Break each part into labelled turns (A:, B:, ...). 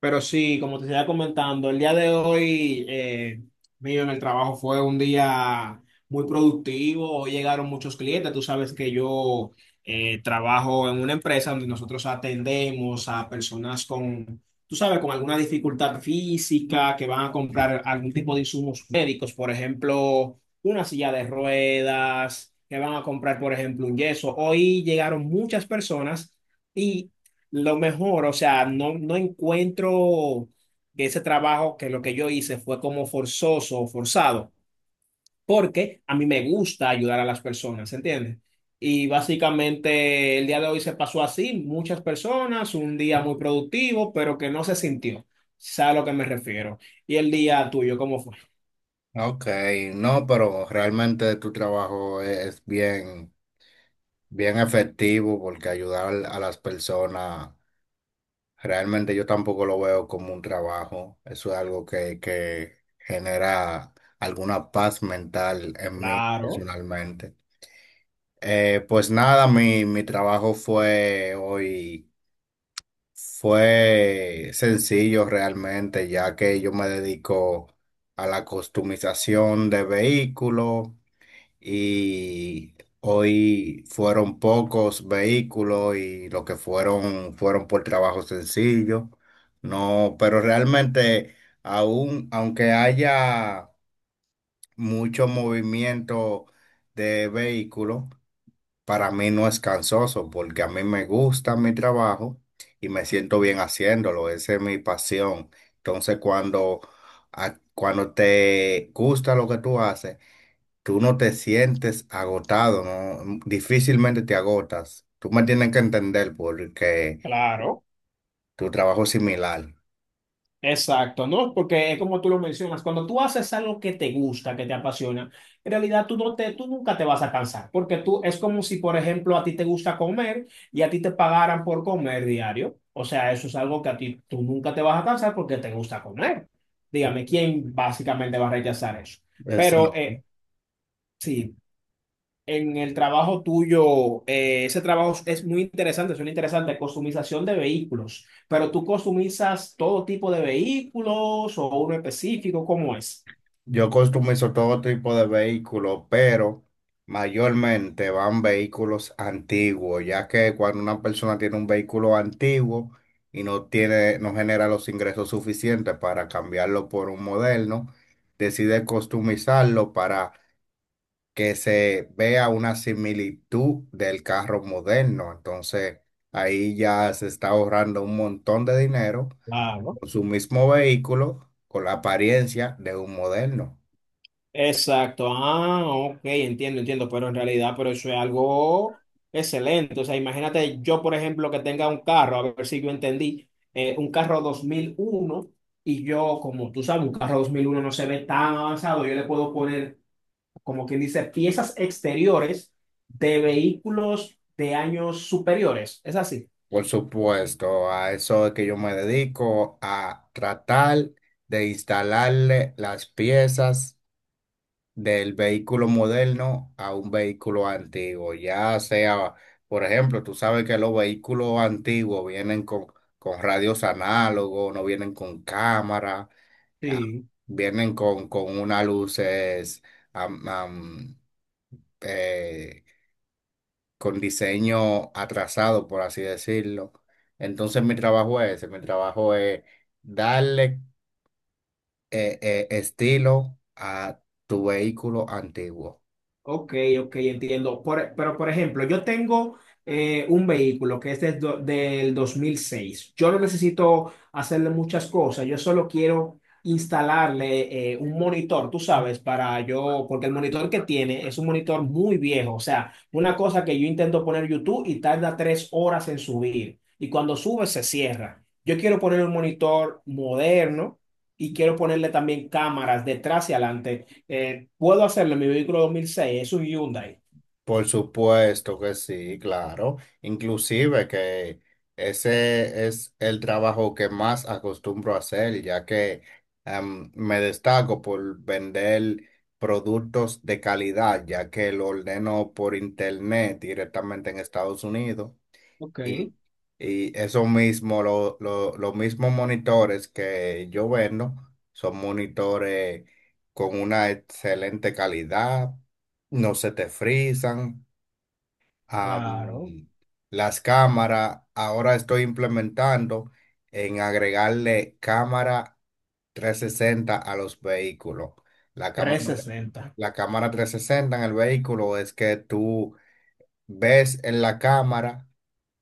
A: Pero sí, como te estaba comentando, el día de hoy mío en el trabajo fue un día muy productivo. Hoy llegaron muchos clientes. Tú sabes que yo trabajo en una empresa donde nosotros atendemos a personas con, tú sabes, con alguna dificultad física que van a comprar algún tipo de insumos médicos, por ejemplo, una silla de ruedas, que van a comprar, por ejemplo, un yeso. Hoy llegaron muchas personas. Lo mejor, o sea, no encuentro que ese trabajo, que lo que yo hice fue como forzoso o forzado, porque a mí me gusta ayudar a las personas, ¿entiendes? Y básicamente el día de hoy se pasó así, muchas personas, un día muy productivo, pero que no se sintió, ¿sabes a lo que me refiero? Y el día tuyo, ¿cómo fue?
B: Ok, no, pero realmente tu trabajo es bien efectivo porque ayudar a las personas, realmente yo tampoco lo veo como un trabajo. Eso es algo que genera alguna paz mental en mí
A: Claro,
B: personalmente. Pues nada, mi trabajo fue hoy, fue sencillo realmente, ya que yo me dedico a la customización de vehículos y hoy fueron pocos vehículos y los que fueron fueron por trabajo sencillo. No, pero realmente aunque haya mucho movimiento de vehículos, para mí no es cansoso porque a mí me gusta mi trabajo y me siento bien haciéndolo. Esa es mi pasión. Entonces, cuando te gusta lo que tú haces, tú no te sientes agotado, ¿no? Difícilmente te agotas. Tú me tienes que entender porque
A: claro.
B: tu trabajo es similar.
A: Exacto, ¿no? Porque es como tú lo mencionas, cuando tú haces algo que te gusta, que te apasiona, en realidad tú nunca te vas a cansar, porque tú es como si, por ejemplo, a ti te gusta comer y a ti te pagaran por comer diario. O sea, eso es algo que a ti tú nunca te vas a cansar porque te gusta comer. Dígame,
B: Eh,
A: ¿quién básicamente va a rechazar eso?
B: eh, Es-
A: Pero sí, en el trabajo tuyo, ese trabajo es muy interesante, suena interesante, customización de vehículos, pero tú customizas todo tipo de vehículos o uno específico, ¿cómo es?
B: yo customizo todo tipo de vehículos, pero mayormente van vehículos antiguos, ya que cuando una persona tiene un vehículo antiguo y no tiene, no genera los ingresos suficientes para cambiarlo por un moderno, decide customizarlo que se vea una similitud del carro moderno. Entonces, ahí ya se está ahorrando un montón de dinero
A: Claro.
B: con su mismo vehículo, con la apariencia de un moderno.
A: Exacto, ah, ok, entiendo, entiendo, pero en realidad, pero eso es algo excelente. O sea, imagínate yo, por ejemplo, que tenga un carro, a ver si yo entendí, un carro 2001. Y yo, como tú sabes, un carro 2001 no se ve tan avanzado, yo le puedo poner, como quien dice, piezas exteriores de vehículos de años superiores. Es así.
B: Por supuesto, a eso es que yo me dedico, a tratar de instalarle las piezas del vehículo moderno a un vehículo antiguo. Ya sea, por ejemplo, tú sabes que los vehículos antiguos vienen con radios análogos, no vienen con cámara, ah,
A: Sí.
B: vienen con unas luces am- am, eh, con diseño atrasado, por así decirlo. Entonces mi trabajo es ese, mi trabajo es darle estilo a tu vehículo antiguo.
A: Ok, ok, entiendo. Pero, por ejemplo, yo tengo un vehículo que es del 2006. Yo no necesito hacerle muchas cosas. Yo solo quiero instalarle un monitor, tú sabes, para yo, porque el monitor que tiene es un monitor muy viejo. O sea, una cosa que yo intento poner YouTube y tarda 3 horas en subir. Y cuando sube, se cierra. Yo quiero poner un monitor moderno y quiero ponerle también cámaras detrás y adelante. Puedo hacerlo en mi vehículo 2006. Es un Hyundai.
B: Por supuesto que sí, claro. Inclusive que ese es el trabajo que más acostumbro a hacer, ya que me destaco por vender productos de calidad, ya que lo ordeno por internet directamente en Estados Unidos.
A: Ok,
B: Y, y eso mismo, los mismos monitores que yo vendo son monitores con una excelente calidad, no se te frisan am,
A: claro,
B: las cámaras. Ahora estoy implementando en agregarle cámara 360 a los vehículos. La cámara,
A: 360.
B: la cámara 360 en el vehículo es que tú ves en la cámara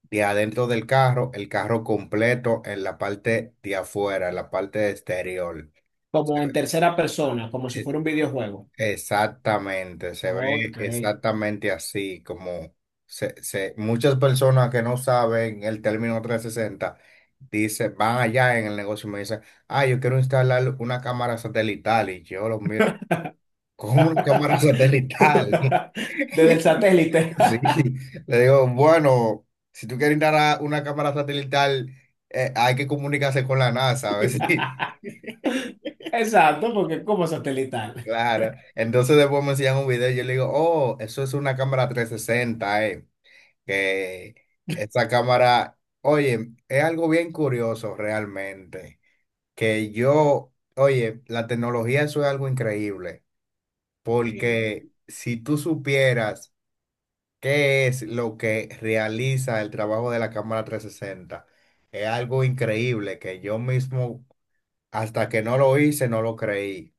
B: de adentro del carro, el carro completo en la parte de afuera, en la parte exterior.
A: Como en tercera persona, como si fuera un videojuego.
B: Exactamente, se ve
A: Ok.
B: exactamente así, muchas personas que no saben el término 360 dicen, van allá en el negocio y me dicen, ah, yo quiero instalar una cámara satelital y yo los miro, ¿cómo una cámara satelital?
A: Desde el satélite.
B: Sí, le digo, bueno, si tú quieres instalar una cámara satelital, hay que comunicarse con la NASA, a ver si...
A: Exacto, porque es como satelital.
B: Claro, entonces después me enseñan un video y yo le digo, oh, eso es una cámara 360 Que esta cámara, oye, es algo bien curioso realmente, que yo, oye, la tecnología eso es algo increíble,
A: Sí,
B: porque si tú supieras qué es lo que realiza el trabajo de la cámara 360 es algo increíble que yo mismo, hasta que no lo hice, no lo creí.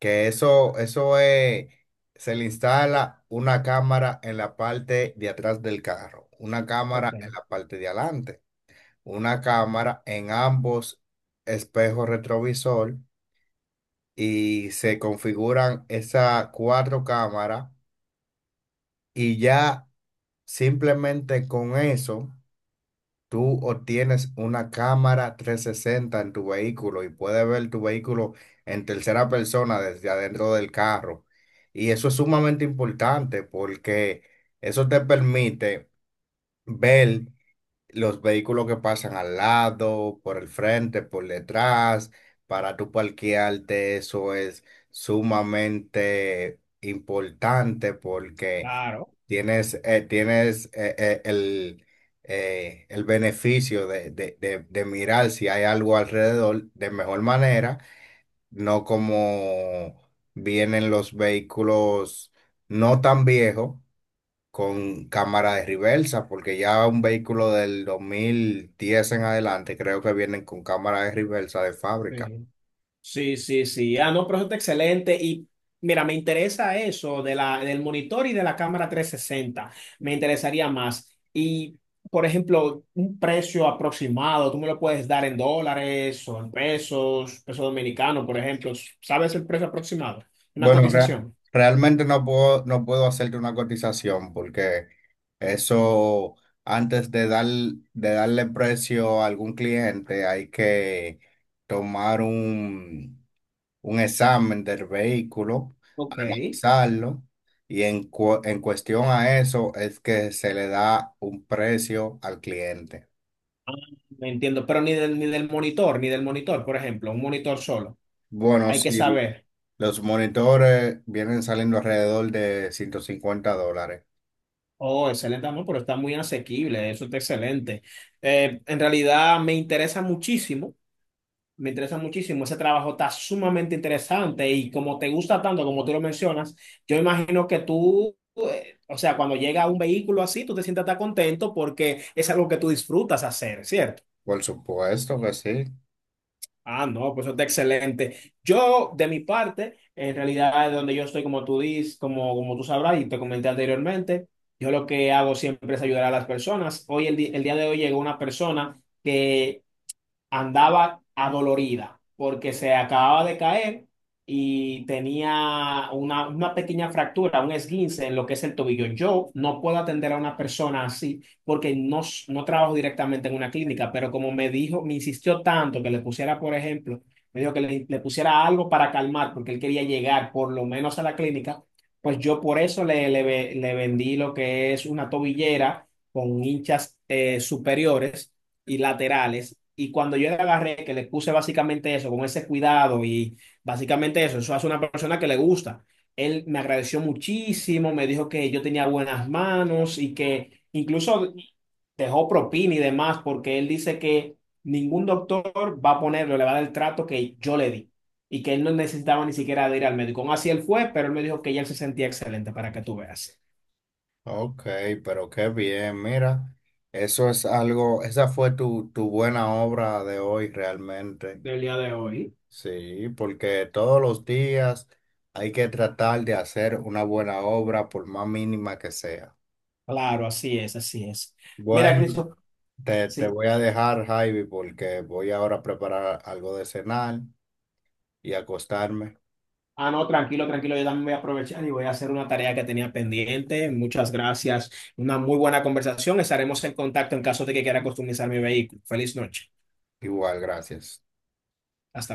B: Que eso es, se le instala una cámara en la parte de atrás del carro, una
A: ok,
B: cámara en la parte de adelante, una cámara en ambos espejos retrovisor y se configuran esas cuatro cámaras y ya simplemente con eso. Tú o tienes una cámara 360 en tu vehículo y puedes ver tu vehículo en tercera persona desde adentro del carro. Y eso es sumamente importante porque eso te permite ver los vehículos que pasan al lado, por el frente, por detrás, para tu parquearte, eso es sumamente importante porque
A: claro.
B: tienes, eh, tienes eh, eh, el, el beneficio de mirar si hay algo alrededor de mejor manera, no como vienen los vehículos no tan viejos con cámara de reversa, porque ya un vehículo del 2010 en adelante creo que vienen con cámara de reversa de fábrica.
A: Sí. Sí, sí, sí. Ah, no, pero eso está excelente. Y mira, me interesa eso de la, del monitor y de la cámara 360. Me interesaría más. Y, por ejemplo, un precio aproximado, tú me lo puedes dar en dólares o en pesos, peso dominicano, por ejemplo. ¿Sabes el precio aproximado? Una
B: Bueno, rea-
A: cotización.
B: Realmente no puedo, no puedo hacerte una cotización porque eso, antes de dar, de darle precio a algún cliente, hay que tomar un examen del vehículo,
A: Ok.
B: analizarlo, y en cuestión a eso es que se le da un precio al cliente.
A: Ah, me entiendo. Pero ni del monitor, por ejemplo, un monitor solo.
B: Bueno,
A: Hay que
B: sí,
A: saber.
B: los monitores vienen saliendo alrededor de $150.
A: Oh, excelente amor, pero está muy asequible, eso está excelente. En realidad me interesa muchísimo, ese trabajo está sumamente interesante y como te gusta tanto, como tú lo mencionas, yo imagino que tú, o sea, cuando llega un vehículo así, tú te sientas tan contento porque es algo que tú disfrutas hacer, ¿cierto?
B: Por supuesto que sí.
A: Ah, no, pues eso está excelente. Yo, de mi parte, en realidad, donde yo estoy, como tú dices, como tú sabrás y te comenté anteriormente, yo lo que hago siempre es ayudar a las personas. Hoy, el día de hoy, llegó una persona que andaba adolorida porque se acababa de caer y tenía una pequeña fractura, un esguince en lo que es el tobillo. Yo no puedo atender a una persona así porque no trabajo directamente en una clínica, pero como me dijo, me insistió tanto que le pusiera, por ejemplo, me dijo le pusiera algo para calmar porque él quería llegar por lo menos a la clínica, pues yo por eso le vendí lo que es una tobillera con hinchas superiores y laterales. Y cuando yo le agarré, que le puse básicamente eso, con ese cuidado y básicamente eso, eso hace una persona que le gusta. Él me agradeció muchísimo, me dijo que yo tenía buenas manos y que incluso dejó propina y demás, porque él dice que ningún doctor va a ponerle, le va a dar el trato que yo le di y que él no necesitaba ni siquiera de ir al médico. Aún así él fue, pero él me dijo que ya él se sentía excelente para que tú veas.
B: Ok, pero qué bien, mira, eso es algo, esa fue tu buena obra de hoy realmente.
A: Del día de hoy.
B: Sí, porque todos los días hay que tratar de hacer una buena obra por más mínima que sea.
A: Claro, así es, así es. Mira,
B: Bueno,
A: Cristo,
B: te
A: sí.
B: voy a dejar, Javi, porque voy ahora a preparar algo de cenar y acostarme.
A: Ah, no, tranquilo, tranquilo, yo también voy a aprovechar y voy a hacer una tarea que tenía pendiente. Muchas gracias. Una muy buena conversación. Estaremos en contacto en caso de que quiera customizar mi vehículo. Feliz noche.
B: Igual, gracias.
A: Hasta